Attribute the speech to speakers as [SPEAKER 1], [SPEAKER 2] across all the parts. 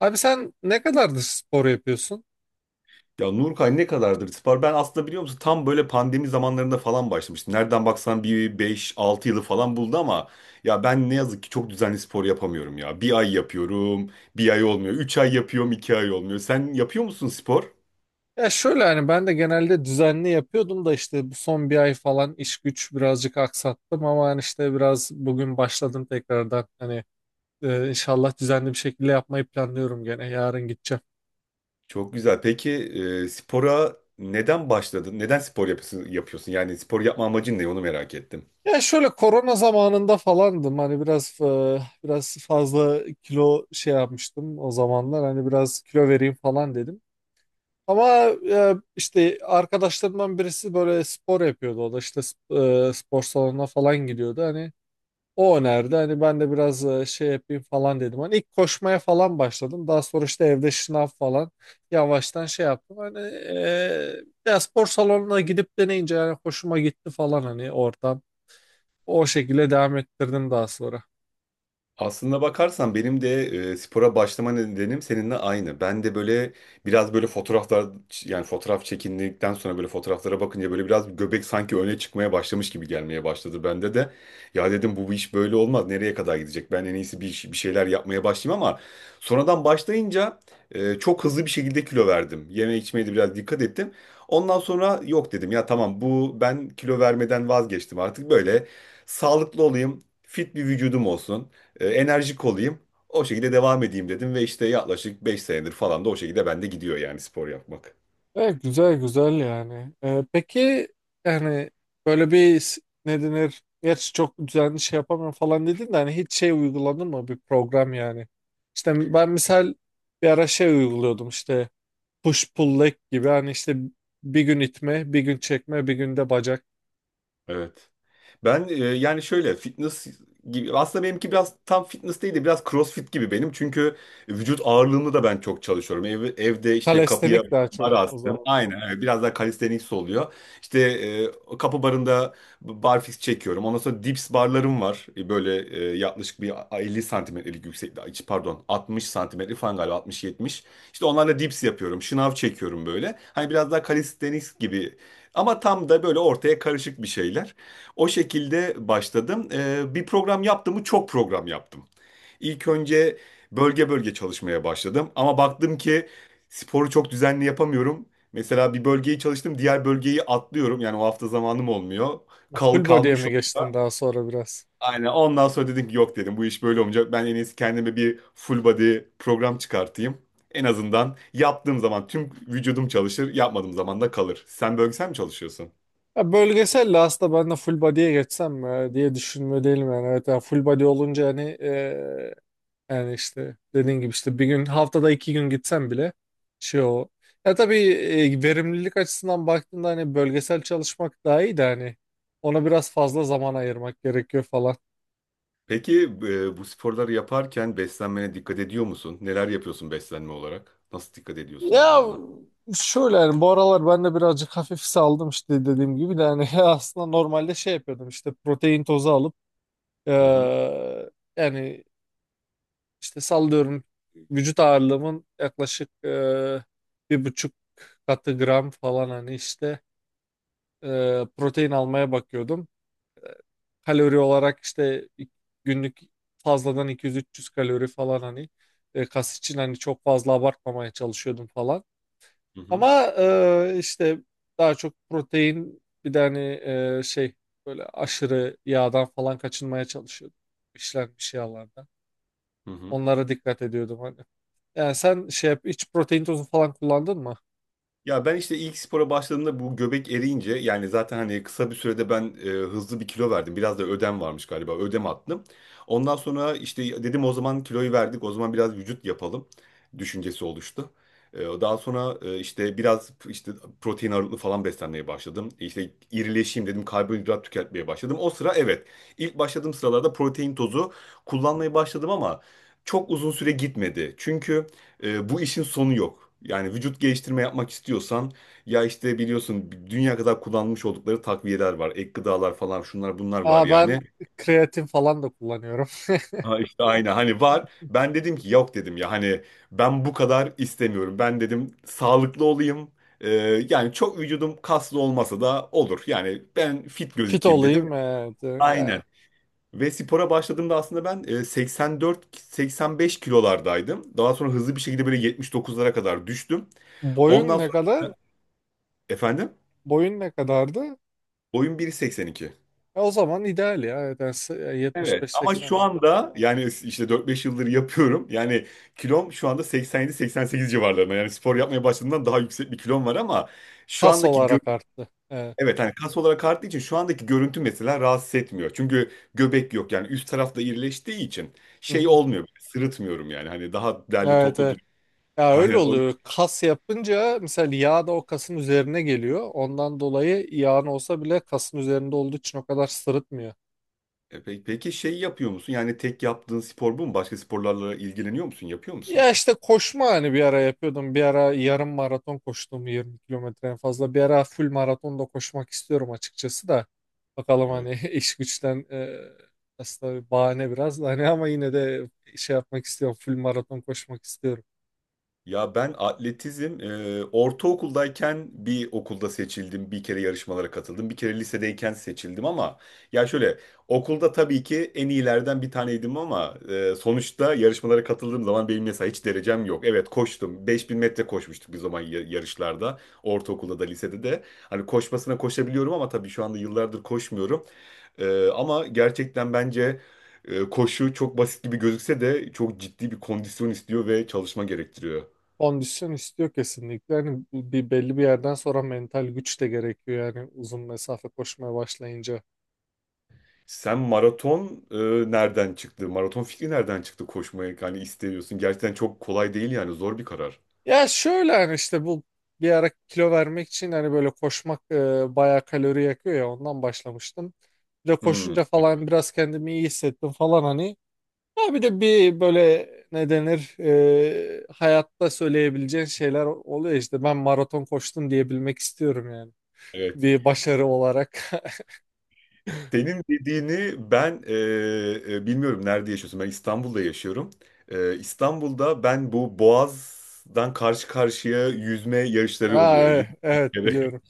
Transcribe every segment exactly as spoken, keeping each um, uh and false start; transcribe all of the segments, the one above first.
[SPEAKER 1] Abi sen ne kadardır spor yapıyorsun?
[SPEAKER 2] Ya Nurkay ne kadardır Spar? Ben aslında biliyor musun tam böyle pandemi zamanlarında falan başlamıştım. Nereden baksan bir beş altı yılı falan buldu ama ya ben ne yazık ki çok düzenli spor yapamıyorum ya. Bir ay yapıyorum, bir ay olmuyor. Üç ay yapıyorum, iki ay olmuyor. Sen yapıyor musun spor?
[SPEAKER 1] Ya şöyle hani ben de genelde düzenli yapıyordum da işte bu son bir ay falan iş güç birazcık aksattım ama hani işte biraz bugün başladım tekrardan. Hani e, inşallah düzenli bir şekilde yapmayı planlıyorum, gene yarın gideceğim.
[SPEAKER 2] Çok güzel. Peki e, spora neden başladın? Neden spor yapıyorsun, yapıyorsun? Yani spor yapma amacın ne? Onu merak ettim.
[SPEAKER 1] Ya şöyle korona zamanında falandım hani biraz e, biraz fazla kilo şey yapmıştım o zamanlar, hani biraz kilo vereyim falan dedim. Ama e, işte arkadaşlarımdan birisi böyle spor yapıyordu. O da işte sp- e, spor salonuna falan gidiyordu. Hani o önerdi. Hani ben de biraz e, şey yapayım falan dedim. Hani ilk koşmaya falan başladım. Daha sonra işte evde şınav falan yavaştan şey yaptım. Hani e, ya spor salonuna gidip deneyince yani hoşuma gitti falan hani oradan. O şekilde devam ettirdim daha sonra.
[SPEAKER 2] Aslında bakarsan benim de e, spora başlama nedenim seninle aynı. Ben de böyle biraz böyle fotoğraflar yani fotoğraf çekindikten sonra böyle fotoğraflara bakınca böyle biraz göbek sanki öne çıkmaya başlamış gibi gelmeye başladı bende de. Ya dedim bu iş böyle olmaz, nereye kadar gidecek? Ben en iyisi bir, iş- bir şeyler yapmaya başlayayım ama sonradan başlayınca e, çok hızlı bir şekilde kilo verdim. Yeme içmeye de biraz dikkat ettim. Ondan sonra yok dedim ya, tamam bu ben kilo vermeden vazgeçtim, artık böyle sağlıklı olayım. Fit bir vücudum olsun, e, enerjik olayım. O şekilde devam edeyim dedim ve işte yaklaşık beş senedir falan da o şekilde bende gidiyor yani spor yapmak.
[SPEAKER 1] Evet, güzel güzel yani. Ee, peki yani böyle bir s- ne denir? Gerçi çok düzenli şey yapamıyorum falan dedin de, hani hiç şey uyguladın mı bir program yani? İşte ben misal bir ara şey uyguluyordum işte push pull leg gibi, hani işte bir gün itme, bir gün çekme, bir günde bacak.
[SPEAKER 2] Evet. Ben e, yani şöyle fitness gibi, aslında benimki biraz tam fitness değil de biraz crossfit gibi benim. Çünkü vücut ağırlığımı da ben çok çalışıyorum. Ev, evde işte kapıya
[SPEAKER 1] Kalestenik daha
[SPEAKER 2] bar
[SPEAKER 1] çok o
[SPEAKER 2] astım.
[SPEAKER 1] zaman.
[SPEAKER 2] Aynen evet. Biraz daha calisthenics oluyor. İşte e, kapı barında barfiks çekiyorum. Ondan sonra dips barlarım var. E, böyle e, yaklaşık bir elli santimetrelik yükseklik. Pardon altmış santimetre falan galiba, altmış yetmiş. İşte onlarla dips yapıyorum. Şınav çekiyorum böyle. Hani biraz daha calisthenics gibi. Ama tam da böyle ortaya karışık bir şeyler. O şekilde başladım. Ee, bir program yaptım mı çok program yaptım. İlk önce bölge bölge çalışmaya başladım. Ama baktım ki sporu çok düzenli yapamıyorum. Mesela bir bölgeyi çalıştım, diğer bölgeyi atlıyorum. Yani o hafta zamanım olmuyor. Kal
[SPEAKER 1] Full body'ye
[SPEAKER 2] kalmış
[SPEAKER 1] mi
[SPEAKER 2] oluyor.
[SPEAKER 1] geçtin daha sonra biraz?
[SPEAKER 2] Aynen. Ondan sonra dedim ki yok dedim, bu iş böyle olmayacak. Ben en iyisi kendime bir full body program çıkartayım. En azından yaptığım zaman tüm vücudum çalışır, yapmadığım zaman da kalır. Sen bölgesel mi çalışıyorsun?
[SPEAKER 1] Ya bölgesel de aslında, ben de full body'ye geçsem mi e, diye düşünme değilim yani. Evet yani full body olunca hani, yani işte dediğin gibi işte bir gün, haftada iki gün gitsem bile şey o. Ya tabii e, verimlilik açısından baktığında hani bölgesel çalışmak daha iyi de, hani ona biraz fazla zaman ayırmak gerekiyor falan.
[SPEAKER 2] Peki e, bu sporları yaparken beslenmene dikkat ediyor musun? Neler yapıyorsun beslenme olarak? Nasıl dikkat ediyorsun ya
[SPEAKER 1] Ya
[SPEAKER 2] da ne?
[SPEAKER 1] şöyle yani bu aralar ben de birazcık hafif saldım işte, dediğim gibi de hani, aslında normalde şey yapıyordum işte protein tozu alıp
[SPEAKER 2] Hı hı.
[SPEAKER 1] eee, yani işte sallıyorum vücut ağırlığımın yaklaşık eee, bir buçuk katı gram falan, hani işte e, protein almaya bakıyordum. Kalori olarak işte günlük fazladan iki yüz, üç yüz kalori falan, hani e, kas için hani çok fazla abartmamaya çalışıyordum falan.
[SPEAKER 2] Hı hı.
[SPEAKER 1] Ama e, işte daha çok protein, bir de hani e, şey böyle aşırı yağdan falan kaçınmaya çalışıyordum. İşlenmiş yağlardan.
[SPEAKER 2] Hı hı.
[SPEAKER 1] Onlara dikkat ediyordum hani. Yani sen şey yap, hiç protein tozu falan kullandın mı?
[SPEAKER 2] Ya ben işte ilk spora başladığımda bu göbek eriyince yani zaten hani kısa bir sürede ben e, hızlı bir kilo verdim. Biraz da ödem varmış galiba. Ödem attım. Ondan sonra işte dedim o zaman kiloyu verdik. O zaman biraz vücut yapalım düşüncesi oluştu. E, daha sonra e, işte biraz işte protein ağırlıklı falan beslenmeye başladım. E, İşte irileşeyim dedim, karbonhidrat tüketmeye başladım. O sıra evet, ilk başladığım sıralarda protein tozu kullanmaya başladım ama çok uzun süre gitmedi. Çünkü e, bu işin sonu yok. Yani vücut geliştirme yapmak istiyorsan ya işte biliyorsun dünya kadar kullanmış oldukları takviyeler var. Ek gıdalar falan, şunlar bunlar
[SPEAKER 1] Aa
[SPEAKER 2] var yani.
[SPEAKER 1] ben kreatin falan da kullanıyorum.
[SPEAKER 2] Ha işte aynı hani var. Ben dedim ki yok dedim ya hani ben bu kadar istemiyorum. Ben dedim sağlıklı olayım. E, Yani çok vücudum kaslı olmasa da olur. Yani ben fit
[SPEAKER 1] Fit
[SPEAKER 2] gözükeyim dedim.
[SPEAKER 1] olayım.
[SPEAKER 2] Aynen.
[SPEAKER 1] Evet.
[SPEAKER 2] Ve spora başladığımda aslında ben e, seksen dört seksen beş kilolardaydım. Daha sonra hızlı bir şekilde böyle yetmiş dokuzlara kadar düştüm.
[SPEAKER 1] Boyun
[SPEAKER 2] Ondan
[SPEAKER 1] ne kadar?
[SPEAKER 2] sonra efendim
[SPEAKER 1] Boyun ne kadardı?
[SPEAKER 2] boyum bir seksen iki.
[SPEAKER 1] E, o zaman ideal ya. Evet, yani s- e,
[SPEAKER 2] Evet ama
[SPEAKER 1] yetmiş beş seksen
[SPEAKER 2] şu
[SPEAKER 1] oldu.
[SPEAKER 2] anda yani işte dört beş yıldır yapıyorum. Yani kilom şu anda seksen yedi seksen sekiz civarlarında. Yani spor yapmaya başladığımdan daha yüksek bir kilom var ama şu
[SPEAKER 1] Kas
[SPEAKER 2] andaki gö
[SPEAKER 1] olarak arttı. Evet.
[SPEAKER 2] evet hani kas olarak arttığı için şu andaki görüntü mesela rahatsız etmiyor. Çünkü göbek yok, yani üst tarafta irileştiği için
[SPEAKER 1] Hı
[SPEAKER 2] şey
[SPEAKER 1] hı.
[SPEAKER 2] olmuyor. Sırıtmıyorum yani, hani daha derli
[SPEAKER 1] Evet,
[SPEAKER 2] toplu.
[SPEAKER 1] evet. Ya öyle
[SPEAKER 2] Aynen. O...
[SPEAKER 1] oluyor. Kas yapınca mesela yağ da o kasın üzerine geliyor. Ondan dolayı yağın olsa bile kasın üzerinde olduğu için o kadar sırıtmıyor.
[SPEAKER 2] E, pe- Peki şey yapıyor musun? Yani tek yaptığın spor bu mu? Başka sporlarla ilgileniyor musun? Yapıyor musun?
[SPEAKER 1] Ya işte koşma hani bir ara yapıyordum. Bir ara yarım maraton koştum, yirmi kilometre en fazla. Bir ara full maraton da koşmak istiyorum açıkçası da. Bakalım hani, iş güçten e, aslında bahane biraz da hani, ama yine de şey yapmak istiyorum. Full maraton koşmak istiyorum.
[SPEAKER 2] Ya ben atletizm e, ortaokuldayken bir okulda seçildim. Bir kere yarışmalara katıldım. Bir kere lisedeyken seçildim ama ya şöyle okulda tabii ki en iyilerden bir taneydim ama e, sonuçta yarışmalara katıldığım zaman benim mesela hiç derecem yok. Evet koştum. Beş bin metre koşmuştuk bir zaman ya- yarışlarda. Ortaokulda da lisede de. Hani koşmasına koşabiliyorum ama tabii şu anda yıllardır koşmuyorum. E, ama gerçekten bence e, koşu çok basit gibi gözükse de çok ciddi bir kondisyon istiyor ve çalışma gerektiriyor.
[SPEAKER 1] Kondisyon istiyor kesinlikle. Hani bir belli bir yerden sonra mental güç de gerekiyor yani, uzun mesafe koşmaya başlayınca.
[SPEAKER 2] Sen maraton e, nereden çıktı? Maraton fikri nereden çıktı koşmaya? Yani istiyorsun. Gerçekten çok kolay değil, yani zor bir karar.
[SPEAKER 1] Ya şöyle hani işte bu bir ara kilo vermek için hani böyle koşmak e, bayağı kalori yakıyor ya, ondan başlamıştım. De
[SPEAKER 2] Hmm,
[SPEAKER 1] koşunca falan biraz kendimi iyi hissettim falan hani. Ya bir de bir böyle, ne denir, e, hayatta söyleyebileceğin şeyler oluyor, işte ben maraton koştum diyebilmek istiyorum yani.
[SPEAKER 2] evet.
[SPEAKER 1] Bir başarı olarak.
[SPEAKER 2] Senin dediğini ben e, e, bilmiyorum nerede yaşıyorsun. Ben İstanbul'da yaşıyorum. E, İstanbul'da ben bu Boğaz'dan karşı karşıya yüzme yarışları
[SPEAKER 1] Ha,
[SPEAKER 2] oluyor. Yılda
[SPEAKER 1] evet,
[SPEAKER 2] bir
[SPEAKER 1] evet
[SPEAKER 2] kere.
[SPEAKER 1] biliyorum.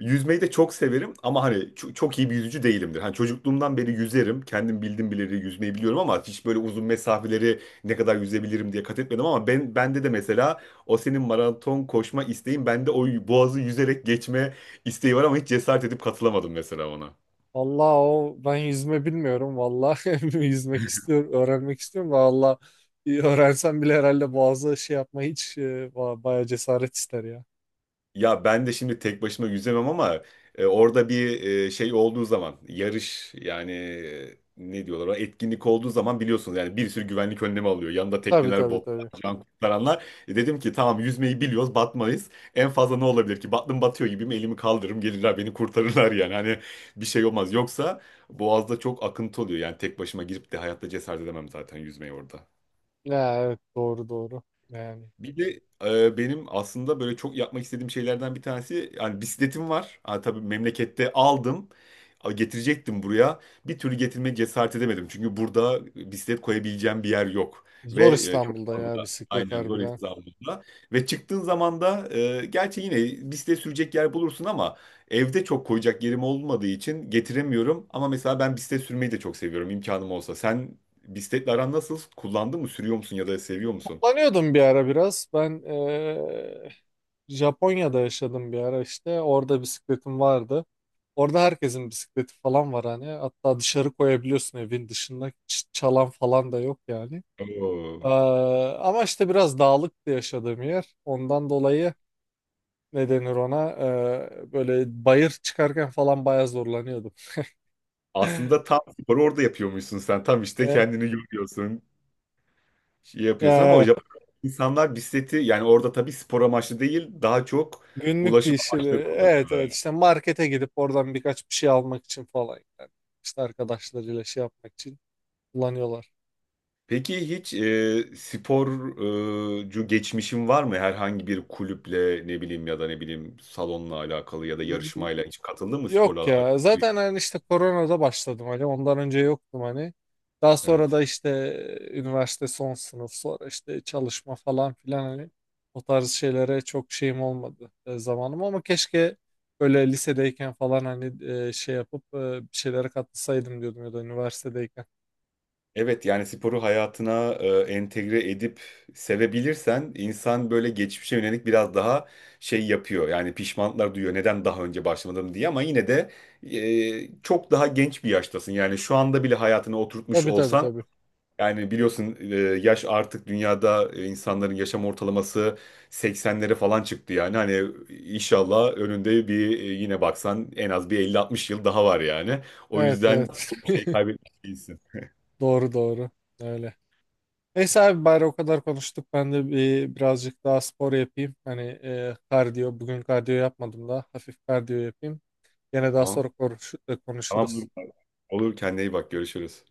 [SPEAKER 2] Yüzmeyi de çok severim ama hani ço- çok iyi bir yüzücü değilimdir. Hani çocukluğumdan beri yüzerim. Kendim bildim bileli yüzmeyi biliyorum ama hiç böyle uzun mesafeleri ne kadar yüzebilirim diye kat etmedim ama ben bende de mesela o senin maraton koşma isteğin, bende o boğazı yüzerek geçme isteği var ama hiç cesaret edip katılamadım mesela ona.
[SPEAKER 1] Vallahi o ben yüzme bilmiyorum vallahi, yüzmek istiyorum, öğrenmek istiyorum da, valla öğrensem bile herhalde boğazı şey yapma hiç e, ba- bayağı cesaret ister ya.
[SPEAKER 2] Ya ben de şimdi tek başıma yüzemem ama e, orada bir e, şey olduğu zaman, yarış yani, e, ne diyorlar ona, etkinlik olduğu zaman biliyorsunuz yani bir sürü güvenlik önlemi alıyor. Yanında
[SPEAKER 1] Tabii
[SPEAKER 2] tekneler,
[SPEAKER 1] tabii
[SPEAKER 2] botlar,
[SPEAKER 1] tabii.
[SPEAKER 2] can kurtaranlar. E, dedim ki tamam yüzmeyi biliyoruz batmayız. En fazla ne olabilir ki? Battım, batıyor gibiyim, elimi kaldırırım, gelirler beni kurtarırlar yani. Hani bir şey olmaz. Yoksa boğazda çok akıntı oluyor, yani tek başıma girip de hayatta cesaret edemem zaten yüzmeyi orada.
[SPEAKER 1] Ya evet, doğru doğru yani.
[SPEAKER 2] Bir de e, benim aslında böyle çok yapmak istediğim şeylerden bir tanesi, yani bisikletim var. Ha, tabii memlekette aldım. A, getirecektim buraya. Bir türlü getirmeye cesaret edemedim. Çünkü burada bisiklet koyabileceğim bir yer yok.
[SPEAKER 1] Zor
[SPEAKER 2] Ve e, çok
[SPEAKER 1] İstanbul'da ya,
[SPEAKER 2] fazla,
[SPEAKER 1] bisiklet
[SPEAKER 2] aynen, zor
[SPEAKER 1] harbiden.
[SPEAKER 2] hesabında. Ve çıktığın zaman da e, gerçi yine bisiklet sürecek yer bulursun ama evde çok koyacak yerim olmadığı için getiremiyorum. Ama mesela ben bisiklet sürmeyi de çok seviyorum imkanım olsa. Sen bisikletle aran nasıl? Kullandın mı? Sürüyor musun ya da seviyor musun?
[SPEAKER 1] Kullanıyordum bir ara biraz. Ben eee, Japonya'da yaşadım bir ara işte. Orada bisikletim vardı. Orada herkesin bisikleti falan var hani. Hatta dışarı koyabiliyorsun evin dışında. Ç- çalan falan da yok yani. Eee,
[SPEAKER 2] Oo.
[SPEAKER 1] ama işte biraz dağlıktı yaşadığım yer. Ondan dolayı ne denir ona? Eee, böyle bayır çıkarken falan bayağı zorlanıyordum.
[SPEAKER 2] Aslında tam sporu orada yapıyormuşsun sen. Tam işte kendini yoruyorsun, şey yapıyorsun ama
[SPEAKER 1] E,
[SPEAKER 2] Japon insanlar bisikleti yani orada tabii spor amaçlı değil, daha çok
[SPEAKER 1] Günlük
[SPEAKER 2] ulaşım
[SPEAKER 1] işleri.
[SPEAKER 2] amaçlı
[SPEAKER 1] Evet, evet,
[SPEAKER 2] kullanıyorlar.
[SPEAKER 1] işte markete gidip oradan birkaç bir şey almak için falan yani. İşte arkadaşlarıyla şey yapmak için kullanıyorlar.
[SPEAKER 2] Peki hiç e, sporcu geçmişin var mı? Herhangi bir kulüple, ne bileyim, ya da ne bileyim salonla alakalı ya da
[SPEAKER 1] Y-
[SPEAKER 2] yarışmayla hiç katıldın mı sporla
[SPEAKER 1] Yok ya,
[SPEAKER 2] alakalı?
[SPEAKER 1] zaten hani işte koronada başladım hani, ondan önce yoktum hani. Daha sonra
[SPEAKER 2] Evet.
[SPEAKER 1] da işte üniversite son sınıf, sonra işte çalışma falan filan, hani o tarz şeylere çok şeyim olmadı e, zamanım, ama keşke böyle lisedeyken falan hani e, şey yapıp e, bir şeylere katılsaydım diyordum, ya da üniversitedeyken.
[SPEAKER 2] Evet yani sporu hayatına e, entegre edip sevebilirsen insan böyle geçmişe yönelik biraz daha şey yapıyor. Yani pişmanlıklar duyuyor, neden daha önce başlamadım diye, ama yine de e, çok daha genç bir yaştasın. Yani şu anda bile hayatına oturtmuş
[SPEAKER 1] Tabii tabii
[SPEAKER 2] olsan
[SPEAKER 1] tabii.
[SPEAKER 2] yani biliyorsun e, yaş artık dünyada e, insanların yaşam ortalaması seksenlere falan çıktı yani. Hani inşallah önünde bir e, yine baksan en az bir elli altmış yıl daha var yani. O
[SPEAKER 1] Evet,
[SPEAKER 2] yüzden
[SPEAKER 1] evet.
[SPEAKER 2] çok şey kaybetmiş değilsin.
[SPEAKER 1] Doğru doğru. Öyle. Neyse abi, bari o kadar konuştuk. Ben de bir, birazcık daha spor yapayım. Hani e, kardiyo. Bugün kardiyo yapmadım da. Hafif kardiyo yapayım. Gene daha
[SPEAKER 2] Tamam.
[SPEAKER 1] sonra konuş-
[SPEAKER 2] Tamam
[SPEAKER 1] konuşuruz.
[SPEAKER 2] Nurcan. Olur, kendine iyi bak, görüşürüz.